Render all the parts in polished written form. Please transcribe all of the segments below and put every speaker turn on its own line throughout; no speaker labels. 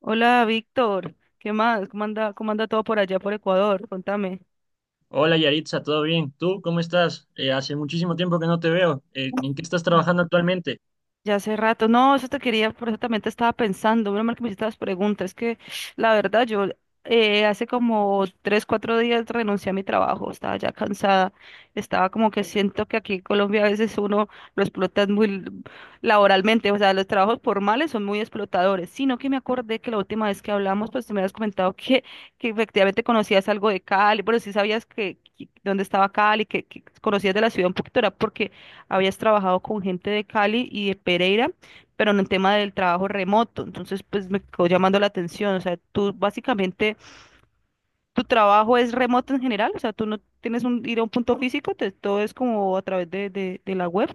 Hola, Víctor. ¿Qué más? Cómo anda todo por allá por Ecuador? Contame.
Hola Yaritza, ¿todo bien? ¿Tú cómo estás? Hace muchísimo tiempo que no te veo. ¿En qué estás trabajando actualmente?
Ya hace rato, no, eso te quería, por eso también te estaba pensando, menos mal que me hiciste las preguntas, es que la verdad yo hace como tres, cuatro días renuncié a mi trabajo, estaba ya cansada, estaba como que siento que aquí en Colombia a veces uno lo explotan muy laboralmente. O sea, los trabajos formales son muy explotadores, sino que me acordé que la última vez que hablamos, pues tú me habías comentado que efectivamente conocías algo de Cali. Bueno, sí sabías dónde estaba Cali, que conocías de la ciudad un poquito, era porque habías trabajado con gente de Cali y de Pereira, pero en el tema del trabajo remoto. Entonces, pues me quedó llamando la atención. O sea, tú básicamente, tu trabajo es remoto en general. O sea, tú no tienes un, ir a un punto físico, todo es como a través de la web.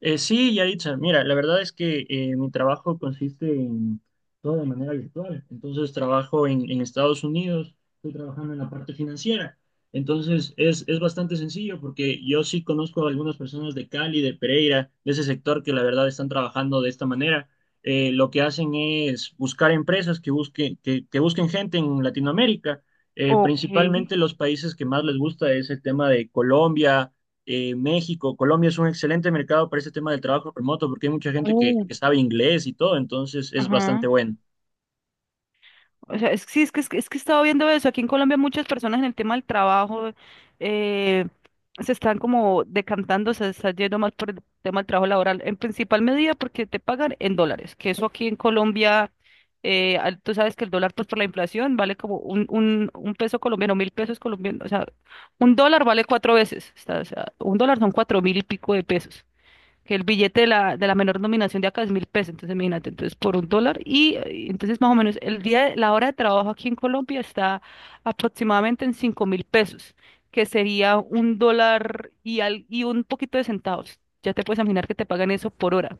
Sí, Yaritza, mira, la verdad es que mi trabajo consiste en todo de manera virtual. Entonces trabajo en Estados Unidos, estoy trabajando en la parte financiera. Entonces es bastante sencillo porque yo sí conozco a algunas personas de Cali, de Pereira, de ese sector que la verdad están trabajando de esta manera. Lo que hacen es buscar empresas que busquen, que busquen gente en Latinoamérica.
Ok.
Principalmente los países que más les gusta es el tema de Colombia, México. Colombia es un excelente mercado para este tema del trabajo remoto porque hay mucha gente
Oh,
que sabe inglés y todo, entonces es bastante
ajá.
bueno.
O sea, sí, es que he estado viendo eso. Aquí en Colombia muchas personas en el tema del trabajo eh, se están como decantando, se están yendo más por el tema del trabajo laboral, en principal medida porque te pagan en dólares, que eso aquí en Colombia, tú sabes que el dólar pues por la inflación vale como un peso colombiano, 1.000 pesos colombianos. O sea, un dólar vale cuatro veces, o sea, un dólar son 4.000 y pico de pesos, que el billete de la menor nominación de acá es 1.000 pesos, entonces imagínate, entonces por un dólar entonces más o menos el día, la hora de trabajo aquí en Colombia está aproximadamente en 5.000 pesos, que sería un dólar y, y un poquito de centavos. Ya te puedes imaginar que te pagan eso por hora.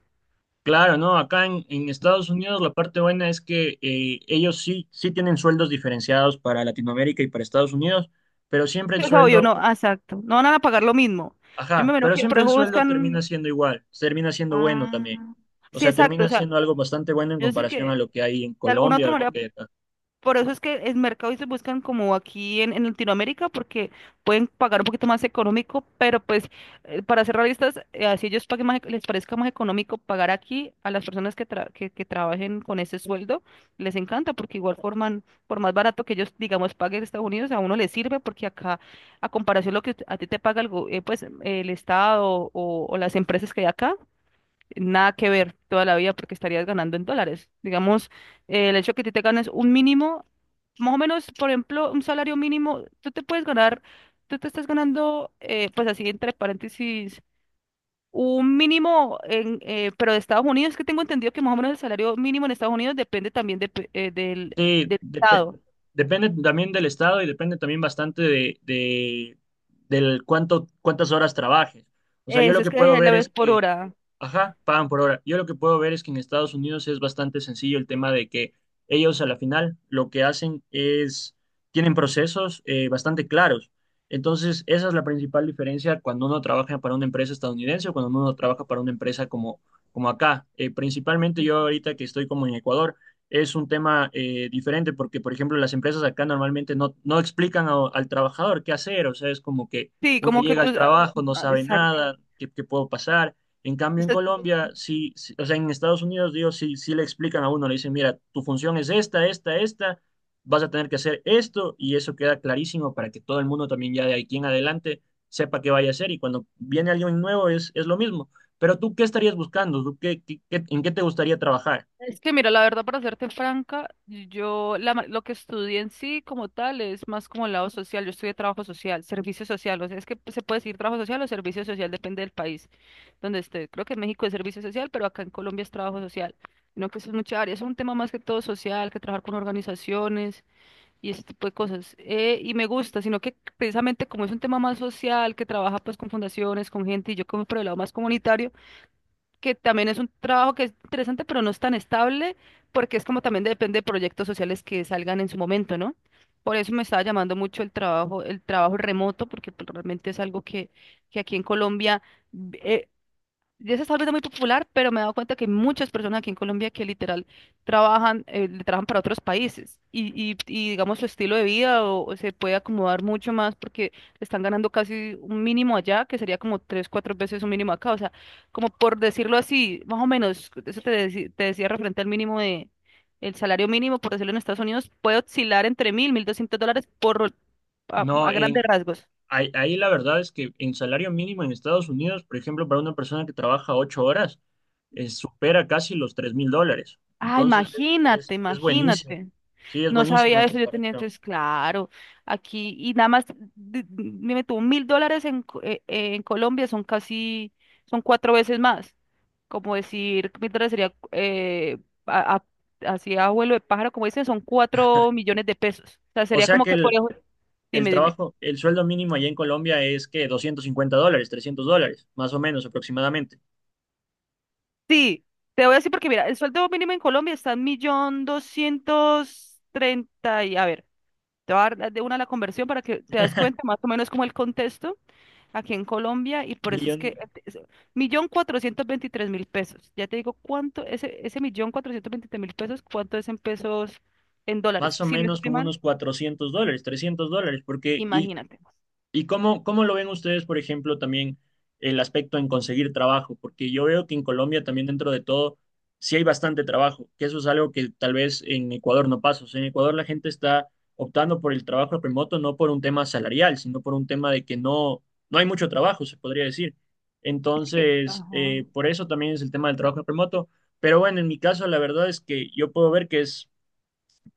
Claro, ¿no? Acá en Estados Unidos la parte buena es que ellos sí, sí tienen sueldos diferenciados para Latinoamérica y para Estados Unidos, pero siempre el
Sí. O sea, yo
sueldo,
no, ah, exacto, no van a pagar lo mismo. Yo me
ajá,
imagino
pero
que por
siempre el
eso
sueldo termina
buscan...
siendo igual, termina siendo bueno también.
Ah,
O
sí,
sea,
exacto.
termina
O sea,
siendo algo bastante bueno en
yo sé
comparación a
que
lo que hay en
de alguna
Colombia
otra
o lo
manera,
que hay acá.
por eso es que el mercado se buscan como aquí en Latinoamérica porque pueden pagar un poquito más económico, pero pues para ser realistas, así ellos paguen más, les parezca más económico pagar aquí a las personas que, que trabajen con ese sueldo, les encanta porque igual forman, por más barato que ellos, digamos, paguen en Estados Unidos, a uno les sirve porque acá, a comparación lo que a ti te paga el, pues, el Estado o las empresas que hay acá, nada que ver toda la vida porque estarías ganando en dólares. Digamos, el hecho que tú te ganes un mínimo más o menos, por ejemplo, un salario mínimo, tú te puedes ganar, tú te estás ganando, pues así entre paréntesis, un mínimo, en, pero de Estados Unidos, que tengo entendido que más o menos el salario mínimo en Estados Unidos depende también del,
Sí,
del
depe-
estado.
Depende también del estado y depende también bastante de, del cuánto, cuántas horas trabajes. O sea, yo lo
Eso es
que puedo
que la
ver es
ves por
que
hora.
ajá, pagan por hora. Yo lo que puedo ver es que en Estados Unidos es bastante sencillo el tema de que ellos a la final lo que hacen es, tienen procesos bastante claros. Entonces, esa es la principal diferencia cuando uno trabaja para una empresa estadounidense o cuando uno trabaja para una empresa como, como acá. Principalmente yo ahorita que estoy como en Ecuador, es un tema diferente porque, por ejemplo, las empresas acá normalmente no, no explican al trabajador qué hacer. O sea, es como que
Sí,
uno
como que
llega
tú...
al
ah,
trabajo, no
ah,
sabe
exacto.
nada, qué qué puedo pasar. En cambio, en Colombia, o sea, en Estados Unidos, digo, sí, sí le explican a uno, le dicen, mira, tu función es esta, esta, esta, vas a tener que hacer esto, y eso queda clarísimo para que todo el mundo también ya de aquí en adelante sepa qué vaya a hacer, y cuando viene alguien nuevo es lo mismo. Pero tú, ¿qué estarías buscando? ¿Tú en qué te gustaría trabajar?
Es que mira, la verdad, para serte franca, yo lo que estudié en sí como tal es más como el lado social. Yo estudié trabajo social, servicio social. O sea, es que se puede decir trabajo social o servicio social, depende del país donde esté. Creo que en México es servicio social, pero acá en Colombia es trabajo social. No, que eso es mucha área, es un tema más que todo social, que trabajar con organizaciones y ese tipo de cosas. Y me gusta, sino que precisamente como es un tema más social, que trabaja pues con fundaciones, con gente, y yo como por el lado más comunitario, que también es un trabajo que es interesante, pero no es tan estable, porque es como también depende de proyectos sociales que salgan en su momento, ¿no? Por eso me estaba llamando mucho el trabajo remoto, porque pues, realmente es algo que aquí en Colombia eh, ya se está volviendo muy popular, pero me he dado cuenta que hay muchas personas aquí en Colombia que literal trabajan, le trabajan para otros países y, digamos su estilo de vida o se puede acomodar mucho más porque están ganando casi un mínimo allá, que sería como tres, cuatro veces un mínimo acá. O sea, como por decirlo así, más o menos, eso te, te decía referente al mínimo de, el salario mínimo, por decirlo en Estados Unidos, puede oscilar entre 1.000, 1.200 dólares por,
No,
a grandes
en,
rasgos.
ahí, ahí la verdad es que en salario mínimo en Estados Unidos, por ejemplo, para una persona que trabaja 8 horas, supera casi los $3000.
Ah,
Entonces,
imagínate,
es buenísimo.
imagínate.
Sí, es
No
buenísimo
sabía
en
eso, yo tenía
comparación.
entonces, claro, aquí, y nada más, me tuvo 1.000 dólares en, en Colombia, son casi, son cuatro veces más. Como decir, 1.000 dólares sería, a- a- así a vuelo de pájaro, como dicen, son 4.000.000 de pesos. O sea,
O
sería
sea
como
que
que, por ejemplo,
el
dime, dime.
trabajo, el sueldo mínimo allá en Colombia es que $250, $300, más o menos aproximadamente.
Sí, te voy a decir porque, mira, el sueldo mínimo en Colombia está en 1.230 y, a ver, te voy a dar de una la conversión para que te das cuenta más o menos como el contexto. Aquí en Colombia y por eso es que
Millón,
es- 1.423.000 pesos. Ya te digo cuánto, ese 1.423.000 pesos, cuánto es en pesos, en dólares.
más o
Si no
menos
estoy
como
mal,
unos $400, $300, porque, y,
imagínate.
¿y cómo, cómo lo ven ustedes, por ejemplo, también el aspecto en conseguir trabajo? Porque yo veo que en Colombia también dentro de todo sí hay bastante trabajo, que eso es algo que tal vez en Ecuador no pasa. O sea, en Ecuador la gente está optando por el trabajo remoto no por un tema salarial, sino por un tema de que no, no hay mucho trabajo, se podría decir.
Es que,
Entonces,
ajá,
por eso también es el tema del trabajo remoto. Pero bueno, en mi caso, la verdad es que yo puedo ver que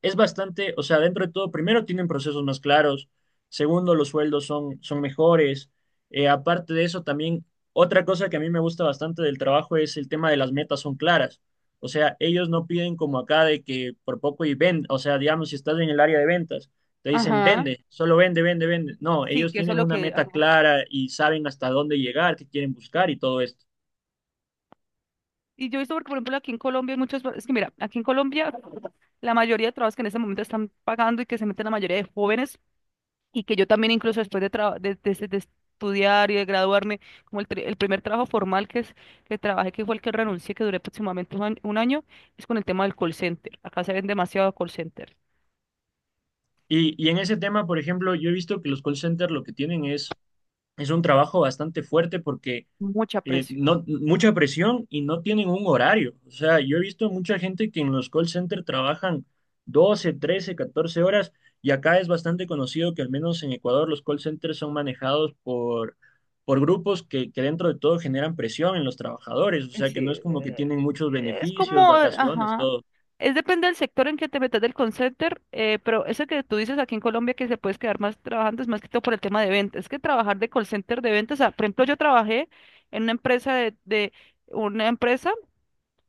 es bastante, o sea, dentro de todo, primero tienen procesos más claros, segundo, los sueldos son mejores. Aparte de eso, también otra cosa que a mí me gusta bastante del trabajo es el tema de las metas son claras. O sea, ellos no piden como acá de que por poco y vende, o sea, digamos, si estás en el área de ventas, te dicen
ajá,
vende, solo vende, vende, vende. No,
sí,
ellos
que eso
tienen
es lo
una
que, ajá.
meta clara y saben hasta dónde llegar, qué quieren buscar y todo esto.
Y yo he visto, porque, por ejemplo, aquí en Colombia hay muchos, es que mira, aquí en Colombia la mayoría de trabajos que en este momento están pagando y que se meten la mayoría de jóvenes y que yo también incluso después de, de estudiar y de graduarme, como el, el primer trabajo formal que, es, que trabajé, que fue el que renuncié, que duré aproximadamente un año, es con el tema del call center. Acá se ven demasiado call center,
Y en ese tema, por ejemplo, yo he visto que los call centers lo que tienen es un trabajo bastante fuerte porque
mucha presión.
no, mucha presión y no tienen un horario. O sea, yo he visto mucha gente que en los call centers trabajan 12, 13, 14 horas y acá es bastante conocido que al menos en Ecuador los call centers son manejados por grupos que dentro de todo generan presión en los trabajadores. O sea,
Sí,
que no es como que tienen muchos
es
beneficios,
como,
vacaciones,
ajá.
todo.
Es depende del sector en que te metas del call center, pero eso que tú dices aquí en Colombia que se puedes quedar más trabajando es más que todo por el tema de ventas. Es que trabajar de call center de ventas, o sea, por ejemplo, yo trabajé en una empresa una empresa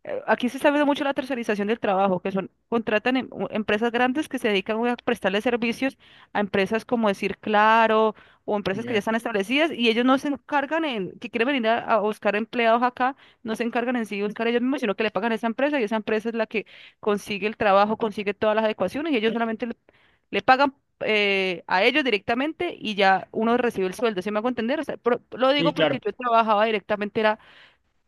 aquí se está viendo mucho la tercerización del trabajo, que son, contratan empresas grandes que se dedican a prestarle servicios a empresas como decir Claro, o empresas que ya
Ya.
están establecidas y ellos no se encargan en, que quieren venir a buscar empleados acá, no se encargan en sí de buscar ellos mismos, sino que le pagan a esa empresa y esa empresa es la que consigue el trabajo, consigue todas las adecuaciones y ellos solamente le, le pagan a ellos directamente y ya uno recibe el sueldo, ¿se me hago entender? O sea, lo
Sí,
digo
claro,
porque yo trabajaba directamente, era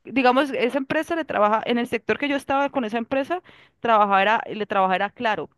digamos, esa empresa le trabaja, en el sector que yo estaba con esa empresa, trabajaba, le trabajaba era Claro.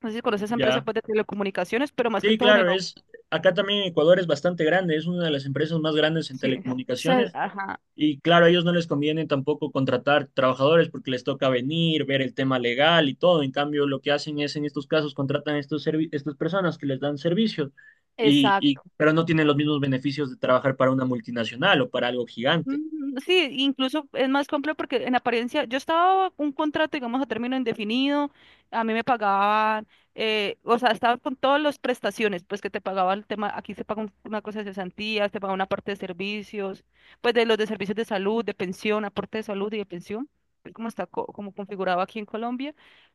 No sé si conoces esa empresa
ya.
pues, de telecomunicaciones, pero más que
Sí,
todo en el...
claro, es... Acá también en Ecuador es bastante grande, es una de las empresas más grandes en
Sí.
telecomunicaciones.
Ajá,
Y claro, a ellos no les conviene tampoco contratar trabajadores porque les toca venir, ver el tema legal y todo. En cambio, lo que hacen es, en estos casos, contratan a estos estas personas que les dan servicios, y,
exacto.
pero no tienen los mismos beneficios de trabajar para una multinacional o para algo gigante.
Mm, sí, incluso es más complejo porque en apariencia yo estaba un contrato, digamos, a término indefinido, a mí me pagaban, o sea, estaba con todas las prestaciones, pues que te pagaba el tema, aquí se paga una cosa de cesantías, te paga una parte de servicios, pues de los de servicios de salud, de pensión, aporte de salud y de pensión, es como está como configurado aquí en Colombia,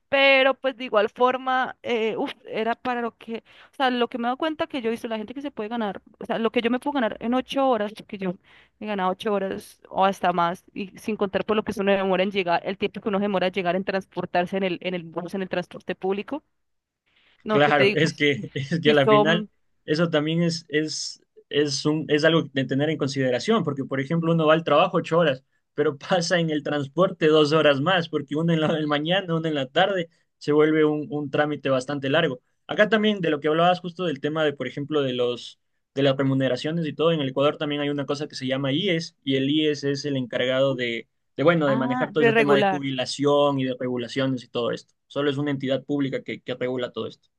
pero pues de igual forma, uf, era para lo que, o sea, lo que me he dado cuenta que yo he visto, la gente que se puede ganar, o sea, lo que yo me puedo ganar en 8 horas, que yo me ganaba 8 horas o hasta más, y sin contar por lo que uno demora en llegar, el tiempo que uno demora en llegar en transportarse en el bus, en el transporte público. No, que te
Claro,
digo,
es
si,
que, es que a
si
la final
son,
eso también es algo de tener en consideración, porque por ejemplo uno va al trabajo 8 horas, pero pasa en el transporte 2 horas más, porque una en la mañana, una en la tarde, se vuelve un trámite bastante largo. Acá también de lo que hablabas justo del tema de, por ejemplo, de las remuneraciones y todo, en el Ecuador también hay una cosa que se llama IES, y el IES es el encargado de, bueno, de
ah,
manejar todo
de
ese tema de
regular,
jubilación y de regulaciones y todo esto. Solo es una entidad pública que regula todo esto.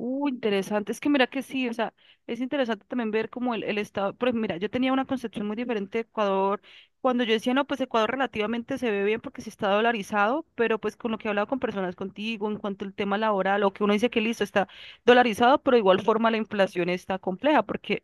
uh, interesante. Es que mira que sí, o sea, es interesante también ver como el estado. Pues mira, yo tenía una concepción muy diferente de Ecuador. Cuando yo decía, no, pues Ecuador relativamente se ve bien porque sí está dolarizado, pero pues con lo que he hablado con personas contigo en cuanto al tema laboral, o que uno dice que listo, está dolarizado, pero de igual forma la inflación está compleja, porque,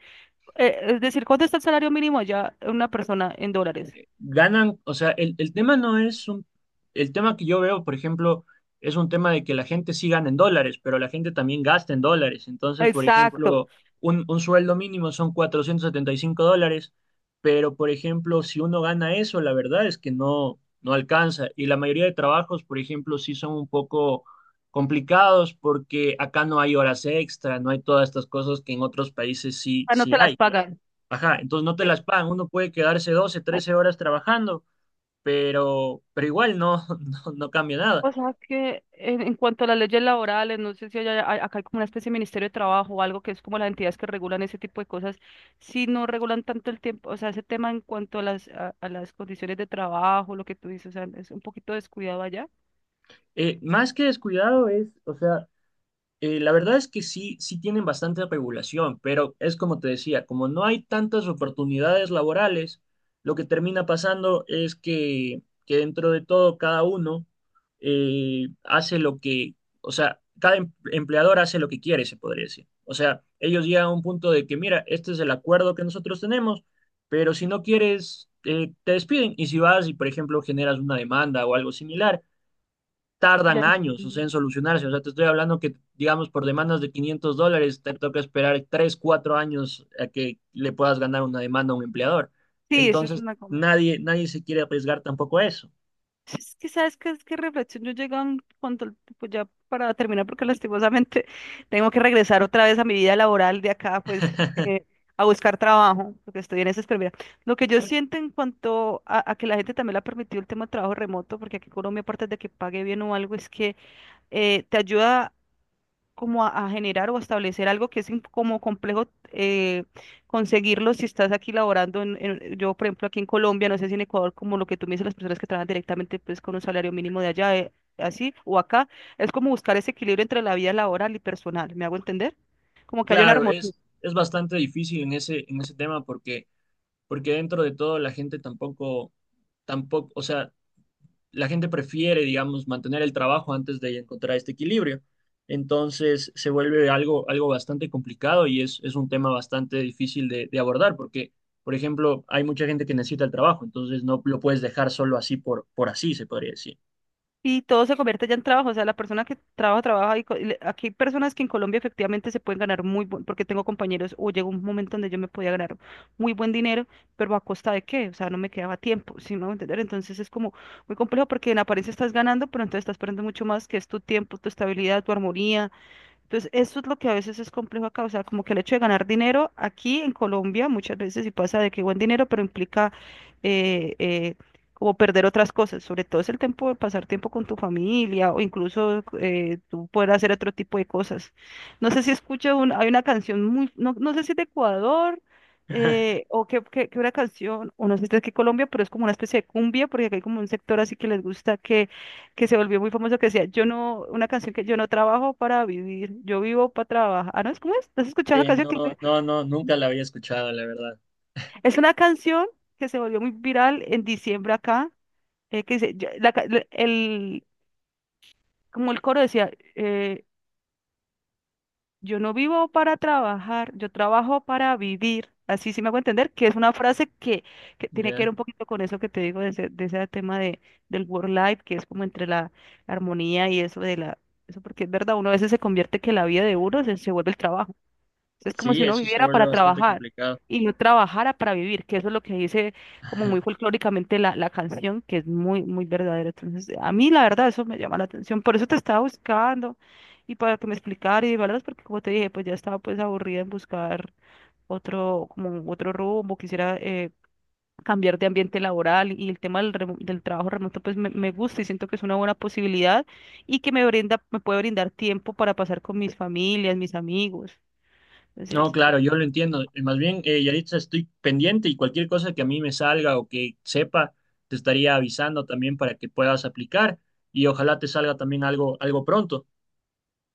es decir, ¿cuánto está el salario mínimo allá una persona en dólares?
Ganan, o sea, el tema no es el tema que yo veo, por ejemplo, es un tema de que la gente sí gana en dólares, pero la gente también gasta en dólares. Entonces, por
Exacto.
ejemplo, un sueldo mínimo son $475, pero por ejemplo, si uno gana eso, la verdad es que no, no alcanza. Y la mayoría de trabajos, por ejemplo, sí son un poco complicados porque acá no hay horas extra, no hay todas estas cosas que en otros países sí,
Ah, no
sí
te las
hay.
pagan.
Ajá, entonces no te las pagan, uno puede quedarse 12, 13 horas trabajando, pero igual no, no, no cambia nada.
O sea que en cuanto a las leyes laborales, no sé si acá hay como una especie de Ministerio de Trabajo o algo que es como las entidades que regulan ese tipo de cosas, si no regulan tanto el tiempo, o sea, ese tema en cuanto a las condiciones de trabajo, lo que tú dices, o sea, es un poquito descuidado allá.
Más que descuidado es, o sea, la verdad es que sí, sí tienen bastante regulación, pero es como te decía, como no hay tantas oportunidades laborales, lo que termina pasando es que dentro de todo cada uno hace lo que, o sea, cada empleador hace lo que quiere, se podría decir. O sea, ellos llegan a un punto de que, mira, este es el acuerdo que nosotros tenemos, pero si no quieres, te despiden. Y si vas y, por ejemplo, generas una demanda o algo similar,
Ya
tardan años, o sea,
entiendo.
en solucionarse. O sea, te estoy hablando que, digamos, por demandas de $500, te toca esperar 3, 4 años a que le puedas ganar una demanda a un empleador.
Sí, eso es
Entonces,
una...
nadie, nadie se quiere arriesgar tampoco a eso.
Es que sabes que es que reflexión yo llego a un punto, pues ya para terminar, porque lastimosamente tengo que regresar otra vez a mi vida laboral de acá, pues eh, a buscar trabajo, porque estoy en esa espera. Lo que yo siento en cuanto a que la gente también le ha permitido el tema de trabajo remoto, porque aquí en Colombia, aparte de que pague bien o algo, es que te ayuda como a generar o a establecer algo que es como complejo eh, conseguirlo si estás aquí laborando en, yo por ejemplo aquí en Colombia, no sé si en Ecuador, como lo que tú me dices, las personas que trabajan directamente pues con un salario mínimo de allá, así, o acá, es como buscar ese equilibrio entre la vida laboral y personal, ¿me hago entender? Como que haya una
Claro,
armonía.
es bastante difícil en ese tema porque, porque dentro de todo la gente tampoco, tampoco, o sea, la gente prefiere, digamos, mantener el trabajo antes de encontrar este equilibrio. Entonces se vuelve algo, algo bastante complicado y es un tema bastante difícil de abordar porque, por ejemplo, hay mucha gente que necesita el trabajo, entonces no lo puedes dejar solo así por así, se podría decir.
Y todo se convierte ya en trabajo, o sea, la persona que trabaja, trabaja, aquí hay personas que en Colombia efectivamente se pueden ganar muy buen, porque tengo compañeros, o llegó un momento donde yo me podía ganar muy buen dinero, pero ¿a costa de qué? O sea, no me quedaba tiempo, ¿si me voy a entender? Entonces es como muy complejo porque en apariencia estás ganando, pero entonces estás perdiendo mucho más, que es tu tiempo, tu estabilidad, tu armonía, entonces, eso es lo que a veces es complejo acá, o sea, como que el hecho de ganar dinero aquí en Colombia muchas veces sí pasa de que buen dinero, pero implica eh, eh, como perder otras cosas, sobre todo es el tiempo de pasar tiempo con tu familia o incluso tú poder hacer otro tipo de cosas. No sé si escucho, un, hay una canción muy, no, no sé si es de Ecuador que una canción, o no sé si es de aquí Colombia, pero es como una especie de cumbia, porque aquí hay como un sector así que les gusta que se volvió muy famoso que decía, yo no, una canción que yo no trabajo para vivir, yo vivo para trabajar. Ah, no, ¿cómo es? ¿No has escuchado esa canción
No,
que dice?
no, no, nunca la había escuchado, la verdad.
Es una canción que se volvió muy viral en diciembre acá, que dice, yo- la ca- la- el, como el coro decía, yo no vivo para trabajar, yo trabajo para vivir. Así sí me hago entender que es una frase que tiene que ver
¿Ya?
un poquito con eso que te digo de ese tema de, del work life, que es como entre la armonía y eso de la, eso porque es verdad, uno a veces se convierte que la vida de uno se vuelve el trabajo. Es como
Sí,
si uno
eso se
viviera
vuelve
para
bastante
trabajar
complicado.
y no trabajara para vivir, que eso es lo que dice como muy folclóricamente la canción, que es muy, muy verdadero. Entonces, a mí la verdad eso me llama la atención. Por eso te estaba buscando y para que me explicara y ¿verdad? Porque como te dije, pues ya estaba pues aburrida en buscar otro, como otro rumbo, quisiera cambiar de ambiente laboral y el tema del trabajo remoto pues me gusta y siento que es una buena posibilidad y que me brinda, me puede brindar tiempo para pasar con mis familias, mis amigos. Entonces,
No, claro, yo lo entiendo. Y más bien, Yaritza, estoy pendiente y cualquier cosa que a mí me salga o que sepa, te estaría avisando también para que puedas aplicar y ojalá te salga también algo, algo pronto.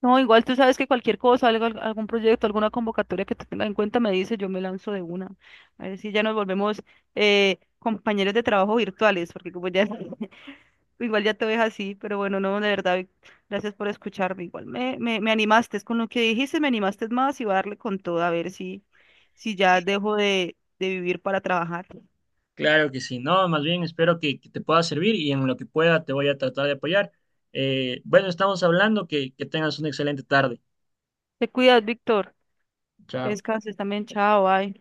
no, igual tú sabes que cualquier cosa, algún proyecto, alguna convocatoria que tenga en cuenta me dice, yo me lanzo de una. A ver si ya nos volvemos compañeros de trabajo virtuales, porque como ya, igual ya te ves así, pero bueno, no, de verdad, Vic, gracias por escucharme. Igual me animaste, es con lo que dijiste, me animaste más y voy a darle con todo, a ver si, si ya
Sí.
dejo de vivir para trabajar.
Claro que sí, no, más bien espero que te pueda servir y en lo que pueda te voy a tratar de apoyar. Bueno, estamos hablando, que tengas una excelente tarde.
Te cuidas, Víctor, que
Chao.
descanses también, chao, bye.